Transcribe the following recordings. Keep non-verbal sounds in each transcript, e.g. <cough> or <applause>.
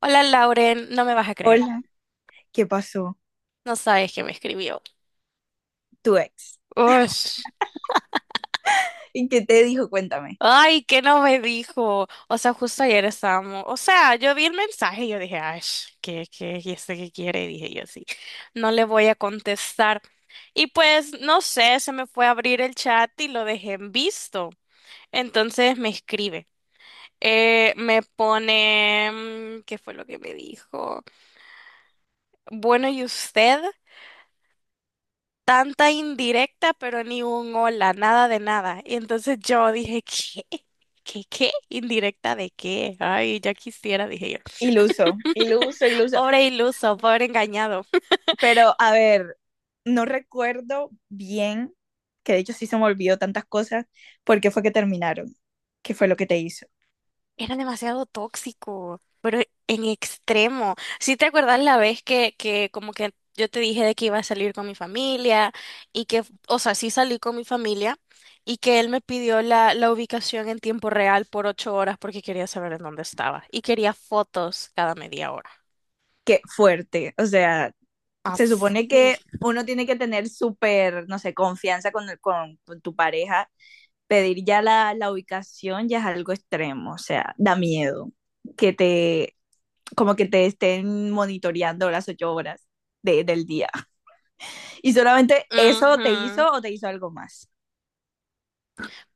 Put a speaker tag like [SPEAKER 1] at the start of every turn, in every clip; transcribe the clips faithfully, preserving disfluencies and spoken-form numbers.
[SPEAKER 1] Hola Lauren, no me vas a creer.
[SPEAKER 2] Hola, ¿qué pasó?
[SPEAKER 1] No sabes que me escribió.
[SPEAKER 2] Tu ex.
[SPEAKER 1] Ush.
[SPEAKER 2] ¿Y qué te dijo? Cuéntame.
[SPEAKER 1] Ay, que no me dijo. O sea, justo ayer estábamos. O sea, yo vi el mensaje y yo dije, ay, sh, ¿qué, qué, y este qué quiere? Dije yo sí. No le voy a contestar. Y pues, no sé, se me fue a abrir el chat y lo dejé en visto. Entonces me escribe. Eh, me pone, mm, ¿qué fue lo que me dijo? Bueno, ¿y usted? Tanta indirecta, pero ni un hola, nada de nada. Y entonces yo dije, ¿qué? ¿Qué, qué? ¿Indirecta de qué? Ay, ya quisiera, dije yo.
[SPEAKER 2] Y lo usó, y lo usó, y lo usó.
[SPEAKER 1] Pobre iluso, pobre engañado.
[SPEAKER 2] Pero, a ver, no recuerdo bien, que de hecho sí se me olvidó tantas cosas, por qué fue que terminaron, qué fue lo que te hizo.
[SPEAKER 1] Era demasiado tóxico, pero en extremo. ¿Sí te acuerdas la vez que, que como que yo te dije de que iba a salir con mi familia y que, o sea, sí salí con mi familia y que él me pidió la, la ubicación en tiempo real por ocho horas porque quería saber en dónde estaba y quería fotos cada media hora?
[SPEAKER 2] Qué fuerte. O sea, se
[SPEAKER 1] Así.
[SPEAKER 2] supone que uno tiene que tener súper, no sé, confianza con, con, con tu pareja. Pedir ya la, la ubicación ya es algo extremo, o sea, da miedo que te como que te estén monitoreando las ocho horas de- del día. Y solamente eso te
[SPEAKER 1] Ujú.
[SPEAKER 2] hizo o te hizo algo más.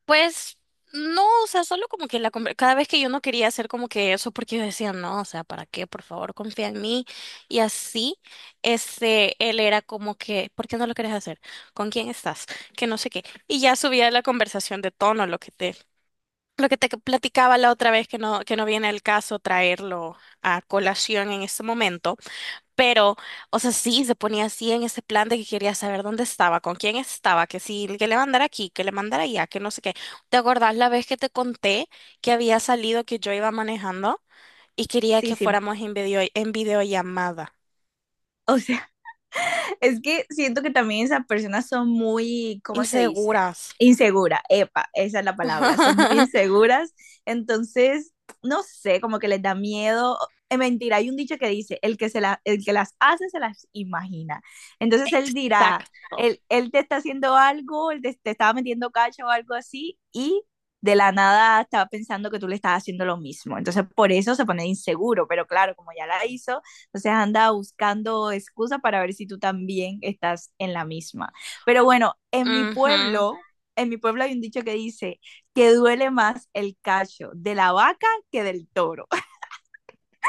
[SPEAKER 1] Pues no, o sea, solo como que la conver- cada vez que yo no quería hacer como que eso porque yo decía, no, o sea, ¿para qué? Por favor, confía en mí. Y así, este, él era como que, ¿por qué no lo querés hacer? ¿Con quién estás? Que no sé qué. Y ya subía la conversación de tono, lo que te, lo que te platicaba la otra vez que no, que no viene al caso traerlo a colación en este momento. Pero, o sea, sí, se ponía así en ese plan de que quería saber dónde estaba, con quién estaba, que si que le mandara aquí, que le mandara allá, que no sé qué. ¿Te acordás la vez que te conté que había salido que yo iba manejando y quería
[SPEAKER 2] Sí,
[SPEAKER 1] que
[SPEAKER 2] sí.
[SPEAKER 1] fuéramos en video, en videollamada?
[SPEAKER 2] O sea, es que siento que también esas personas son muy, ¿cómo se dice?
[SPEAKER 1] Inseguras.
[SPEAKER 2] Insegura, epa, esa es la palabra, son muy
[SPEAKER 1] <laughs>
[SPEAKER 2] inseguras, entonces, no sé, como que les da miedo. Es mentira, hay un dicho que dice, el que, se la, el que las hace se las imagina. Entonces él dirá,
[SPEAKER 1] Exacto.
[SPEAKER 2] él, él te está haciendo algo, él te, te estaba metiendo cacho o algo así, y de la nada estaba pensando que tú le estás haciendo lo mismo. Entonces por eso se pone inseguro, pero claro, como ya la hizo, entonces anda buscando excusa para ver si tú también estás en la misma. Pero bueno, en mi
[SPEAKER 1] Ujú.
[SPEAKER 2] pueblo, en mi pueblo hay un dicho que dice que duele más el cacho de la vaca que del toro.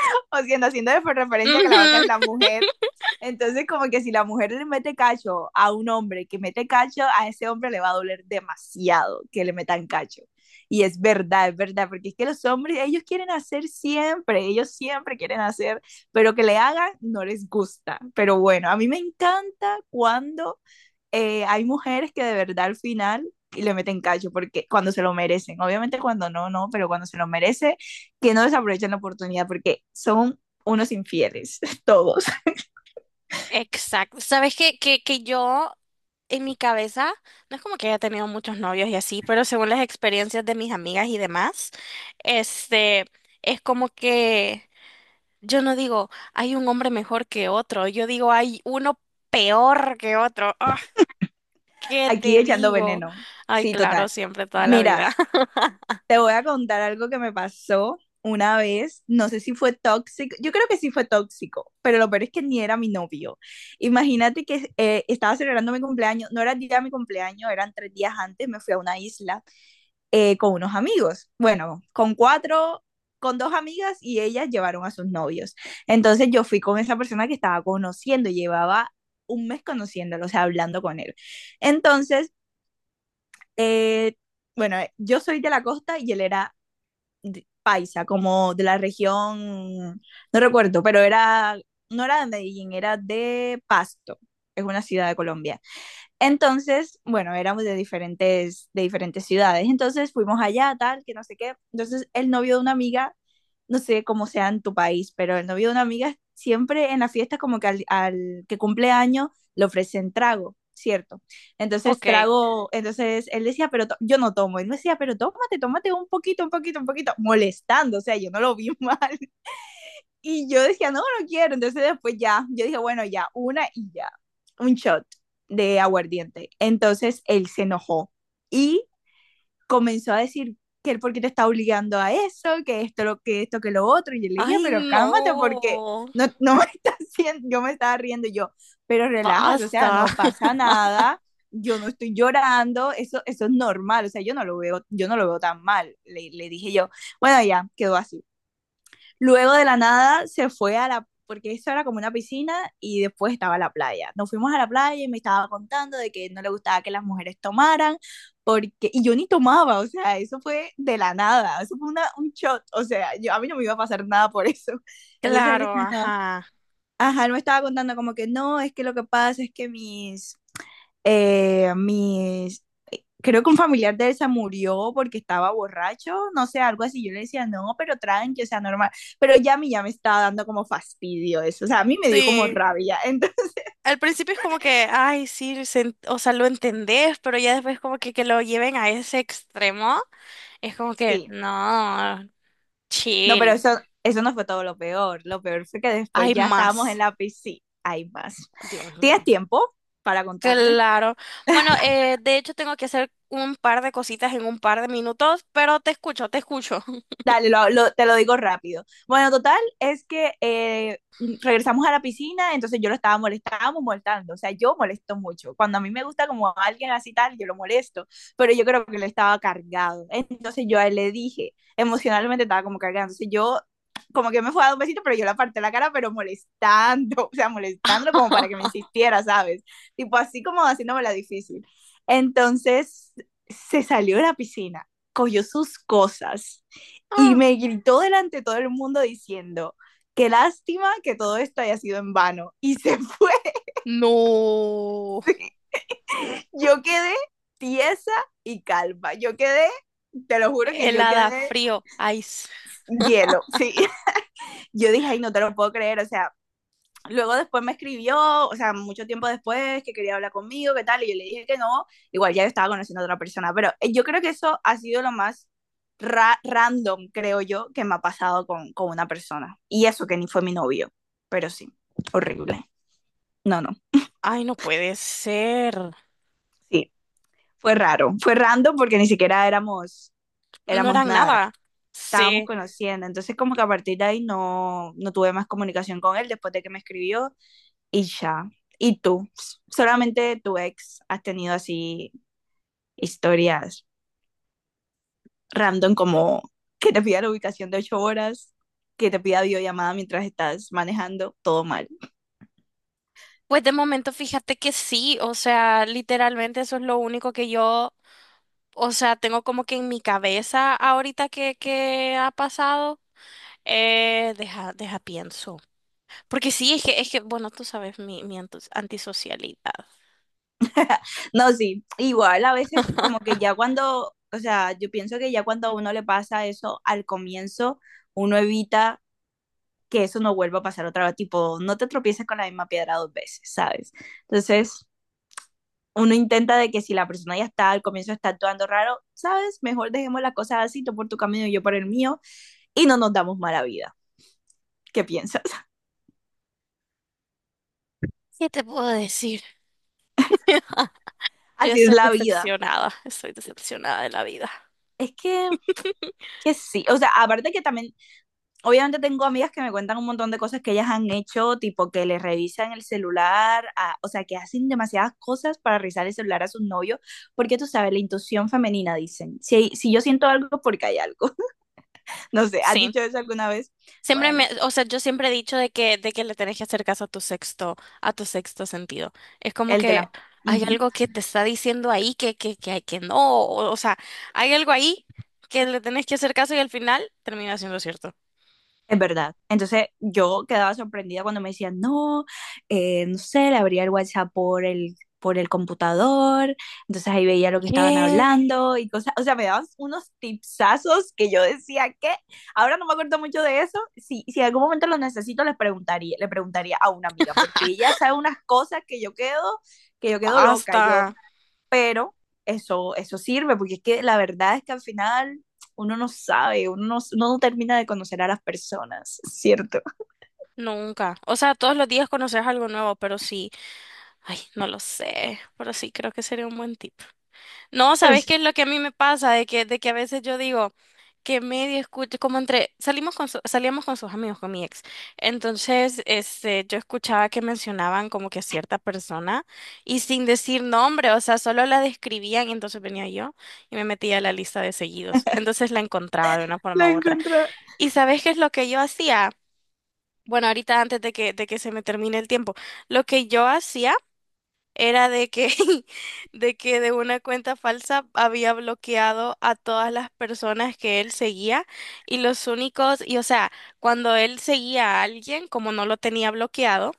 [SPEAKER 2] <laughs> o haciendo, haciendo referencia a que la vaca es la
[SPEAKER 1] Ujú.
[SPEAKER 2] mujer. Entonces, como que si la mujer le mete cacho a un hombre que mete cacho, a ese hombre le va a doler demasiado que le metan cacho. Y es verdad, es verdad, porque es que los hombres, ellos quieren hacer siempre, ellos siempre quieren hacer, pero que le hagan no les gusta. Pero bueno, a mí me encanta cuando eh, hay mujeres que de verdad al final le meten cacho porque cuando se lo merecen, obviamente cuando no, no, pero cuando se lo merece, que no desaprovechen la oportunidad porque son unos infieles, <laughs> todos,
[SPEAKER 1] Exacto. Sabes que, que, que yo en mi cabeza, no es como que haya tenido muchos novios y así, pero según las experiencias de mis amigas y demás, este, es como que yo no digo, hay un hombre mejor que otro, yo digo, hay uno peor que otro. Ah, ¿qué
[SPEAKER 2] aquí
[SPEAKER 1] te
[SPEAKER 2] echando
[SPEAKER 1] digo?
[SPEAKER 2] veneno.
[SPEAKER 1] Ay,
[SPEAKER 2] Sí,
[SPEAKER 1] claro,
[SPEAKER 2] total.
[SPEAKER 1] siempre, toda la
[SPEAKER 2] Mira,
[SPEAKER 1] vida. <laughs>
[SPEAKER 2] te voy a contar algo que me pasó una vez, no sé si fue tóxico, yo creo que sí fue tóxico, pero lo peor es que ni era mi novio. Imagínate que eh, estaba celebrando mi cumpleaños, no era el día de mi cumpleaños, eran tres días antes, me fui a una isla eh, con unos amigos. Bueno, con cuatro, con dos amigas y ellas llevaron a sus novios. Entonces yo fui con esa persona que estaba conociendo, llevaba un mes conociéndolo, o sea, hablando con él. Entonces, eh, bueno, eh, yo soy de la costa y él era de- paisa, como de la región, no recuerdo, pero era, no era de Medellín, era de Pasto, es una ciudad de Colombia. Entonces, bueno, éramos de diferentes, de diferentes ciudades. Entonces fuimos allá, tal, que no sé qué. Entonces el novio de una amiga, no sé cómo sea en tu país, pero el novio de una amiga siempre en la fiesta como que al, al que cumple año le ofrecen trago, ¿cierto? Entonces
[SPEAKER 1] Ok.
[SPEAKER 2] trago, entonces él decía, pero to- yo no tomo. Él me decía, pero tómate, tómate un poquito, un poquito, un poquito, molestando. O sea, yo no lo vi <laughs> mal. Y yo decía, no, no quiero. Entonces después ya, yo dije, bueno, ya, una y ya, un shot de aguardiente. Entonces él se enojó y comenzó a decir que él porque te está obligando a eso, que esto, lo, que esto, que lo otro. Y yo le dije,
[SPEAKER 1] Ay,
[SPEAKER 2] pero cálmate porque
[SPEAKER 1] no.
[SPEAKER 2] no, no me <laughs> estás haciendo, yo me estaba riendo yo, pero relájate, o sea,
[SPEAKER 1] Basta.
[SPEAKER 2] no
[SPEAKER 1] <laughs>
[SPEAKER 2] pasa nada, yo no estoy llorando, eso, eso es normal, o sea, yo no lo veo, yo no lo veo tan mal. Le, le dije yo, bueno, ya, quedó así. Luego de la nada se fue a la, porque eso era como una piscina y después estaba la playa. Nos fuimos a la playa y me estaba contando de que no le gustaba que las mujeres tomaran, porque, y yo ni tomaba, o sea, eso fue de la nada, eso fue una, un shot, o sea, yo, a mí no me iba a pasar nada por eso. <laughs> Entonces él
[SPEAKER 1] Claro,
[SPEAKER 2] me estaba,
[SPEAKER 1] ajá.
[SPEAKER 2] ajá, él me estaba contando como que no, es que lo que pasa es que mis, eh, mis, creo que un familiar de él se murió porque estaba borracho, no sé, algo así. Yo le decía, no, pero tranqui, o sea, normal. Pero ya a mí ya me estaba dando como fastidio eso, o sea, a mí me dio como
[SPEAKER 1] Sí.
[SPEAKER 2] rabia. <laughs> Entonces,
[SPEAKER 1] Al principio es como que, ay, sí, se en- o sea, lo entendés, pero ya después como que, que lo lleven a ese extremo, es como que,
[SPEAKER 2] sí,
[SPEAKER 1] no,
[SPEAKER 2] no, pero
[SPEAKER 1] chill,
[SPEAKER 2] eso, eso no fue todo lo peor. Lo peor fue que después
[SPEAKER 1] hay
[SPEAKER 2] ya estábamos en
[SPEAKER 1] más.
[SPEAKER 2] la piscina. Hay más.
[SPEAKER 1] Dios
[SPEAKER 2] ¿Tienes
[SPEAKER 1] mío.
[SPEAKER 2] tiempo para contarte?
[SPEAKER 1] Claro. Bueno, eh, de hecho tengo que hacer un par de cositas en un par de minutos, pero te escucho, te escucho.
[SPEAKER 2] Dale, lo- lo- te lo digo rápido. Bueno, total, es que eh, regresamos a la piscina, entonces yo lo estaba molestando, estábamos molestando. O sea, yo molesto mucho. Cuando a mí me gusta como a alguien así tal, yo lo molesto, pero yo creo que él estaba cargado. Entonces yo a él le dije, emocionalmente estaba como cargado. Entonces yo como que me fue a dar un besito, pero yo le aparté la cara, pero molestando, <laughs> o sea, molestándolo como para que me
[SPEAKER 1] <laughs>
[SPEAKER 2] insistiera, ¿sabes? Tipo así como haciéndome la difícil. Entonces se salió de la piscina, cogió sus cosas y
[SPEAKER 1] Ah,
[SPEAKER 2] me gritó delante de todo el mundo diciendo, qué lástima que todo esto haya sido en vano. Y se <laughs> fue.
[SPEAKER 1] no.
[SPEAKER 2] Yo quedé tiesa y calva. Yo quedé, te lo juro que yo
[SPEAKER 1] Helada,
[SPEAKER 2] quedé
[SPEAKER 1] frío, ice.
[SPEAKER 2] hielo. Sí. <laughs> Yo dije, ay, no te lo puedo creer. O sea, luego después me escribió, o sea, mucho tiempo después, que quería hablar conmigo, qué tal, y yo le dije que no, igual ya yo estaba conociendo a otra persona, pero eh, yo creo que eso ha sido lo más ra- random, creo yo, que me ha pasado con, con una persona. Y eso que ni fue mi novio, pero sí, horrible. No, no,
[SPEAKER 1] Ay, no puede ser.
[SPEAKER 2] sí, fue raro, fue random porque ni siquiera éramos,
[SPEAKER 1] No
[SPEAKER 2] éramos
[SPEAKER 1] eran
[SPEAKER 2] nada,
[SPEAKER 1] nada.
[SPEAKER 2] estábamos
[SPEAKER 1] Sí.
[SPEAKER 2] conociendo, entonces como que a partir de ahí no, no tuve más comunicación con él después de que me escribió y ya. ¿Y tú? Solamente tu ex has tenido así historias random como que te pida la ubicación de ocho horas, que te pida videollamada mientras estás manejando, todo mal.
[SPEAKER 1] Pues de momento fíjate que sí, o sea, literalmente eso es lo único que yo, o sea, tengo como que en mi cabeza ahorita que, que ha pasado. Eh, deja, deja pienso. Porque sí, es que, es que, bueno, tú sabes mi, mi antus- antisocialidad.
[SPEAKER 2] No, sí, igual a veces como que ya cuando, o sea, yo pienso que ya cuando a uno le pasa eso al comienzo, uno evita que eso no vuelva a pasar otra vez, tipo, no te tropieces con la misma piedra dos veces, ¿sabes? Entonces, uno intenta de que si la persona ya está al comienzo está actuando raro, sabes, mejor dejemos las cosas así, tú por tu camino y yo por el mío, y no nos damos mala vida. ¿Qué piensas? <laughs>
[SPEAKER 1] ¿Qué te puedo decir? <laughs> Yo
[SPEAKER 2] Así es
[SPEAKER 1] estoy
[SPEAKER 2] la vida.
[SPEAKER 1] decepcionada, estoy decepcionada de la vida.
[SPEAKER 2] Es que, que sí, o sea, aparte que también, obviamente tengo amigas que me cuentan un montón de cosas que ellas han hecho, tipo que les revisan el celular, a- o sea, que hacen demasiadas cosas para revisar el celular a sus novios, porque tú sabes, la intuición femenina, dicen, si, si, yo siento algo, porque hay algo. <laughs> No sé, ¿has
[SPEAKER 1] Sí.
[SPEAKER 2] dicho eso alguna vez?
[SPEAKER 1] Siempre me,
[SPEAKER 2] Bueno,
[SPEAKER 1] o sea, yo siempre he dicho de que, de que le tenés que hacer caso a tu sexto, a tu sexto sentido. Es como
[SPEAKER 2] el de
[SPEAKER 1] que
[SPEAKER 2] la...
[SPEAKER 1] hay
[SPEAKER 2] Ujú.
[SPEAKER 1] algo que te está diciendo ahí que, que, que, hay- que no, o, o sea, hay algo ahí que le tenés que hacer caso y al final termina siendo cierto.
[SPEAKER 2] Es verdad. Entonces yo quedaba sorprendida cuando me decían, no, eh, no sé, le abría el WhatsApp por el, por el, computador, entonces ahí veía lo que estaban
[SPEAKER 1] ¿Qué?
[SPEAKER 2] hablando y cosas, o sea, me daban unos tipsazos que yo decía que, ahora no me acuerdo mucho de eso, si, si en algún momento lo necesito les preguntaría, le preguntaría a una amiga, porque ella sabe unas cosas que yo quedo, que yo quedo loca, yo,
[SPEAKER 1] Basta.
[SPEAKER 2] pero eso, eso sirve, porque es que la verdad es que al final uno no sabe, uno no, uno no termina de conocer a las personas, ¿cierto?
[SPEAKER 1] Nunca. O sea, todos los días conoces algo nuevo, pero sí, ay, no lo sé, pero sí creo que sería un buen tip. No,
[SPEAKER 2] Pero
[SPEAKER 1] ¿sabes
[SPEAKER 2] sí,
[SPEAKER 1] qué es lo que a mí me pasa? De que, de que a veces yo digo que medio escucho, como entre, salimos con su- salíamos con sus amigos, con mi ex. Entonces, este, yo escuchaba que mencionaban como que a cierta persona y sin decir nombre, o sea, solo la describían y entonces venía yo y me metía a la lista de seguidos. Entonces la encontraba de una forma
[SPEAKER 2] la
[SPEAKER 1] u otra.
[SPEAKER 2] encontré.
[SPEAKER 1] ¿Y sabes qué es lo que yo hacía? Bueno, ahorita antes de que, de que se me termine el tiempo, lo que yo hacía era de que, <laughs> de que de una cuenta falsa había bloqueado a todas las personas que él seguía y los únicos, y o sea, cuando él seguía a alguien, como no lo tenía bloqueado,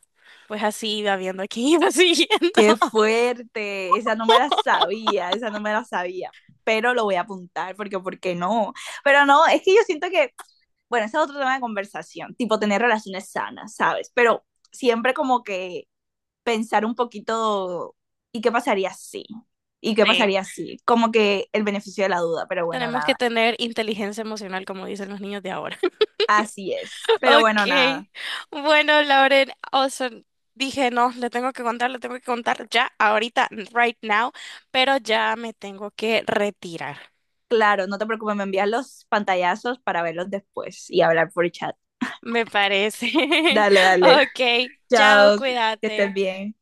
[SPEAKER 1] pues así iba viendo a quién iba <laughs> siguiendo.
[SPEAKER 2] Qué fuerte, esa no me la sabía, esa no me la sabía, pero lo voy a apuntar porque, ¿por qué no? Pero no, es que yo siento que, bueno, ese es otro tema de conversación, tipo tener relaciones sanas, ¿sabes? Pero siempre como que pensar un poquito, ¿y qué pasaría si? ¿Y qué
[SPEAKER 1] Sí,
[SPEAKER 2] pasaría si? Como que el beneficio de la duda, pero bueno,
[SPEAKER 1] tenemos que
[SPEAKER 2] nada.
[SPEAKER 1] tener inteligencia emocional, como dicen los niños de ahora. <laughs>
[SPEAKER 2] Así es, pero
[SPEAKER 1] Ok,
[SPEAKER 2] bueno, nada.
[SPEAKER 1] bueno, Lauren, o sea, dije, no, le tengo que contar, le tengo que contar ya, ahorita, right now, pero ya me tengo que retirar.
[SPEAKER 2] Claro, no te preocupes, me envías los pantallazos para verlos después y hablar por chat.
[SPEAKER 1] Me parece. <laughs>
[SPEAKER 2] Dale, dale.
[SPEAKER 1] Ok, chao,
[SPEAKER 2] Chao, que estés
[SPEAKER 1] cuídate.
[SPEAKER 2] bien.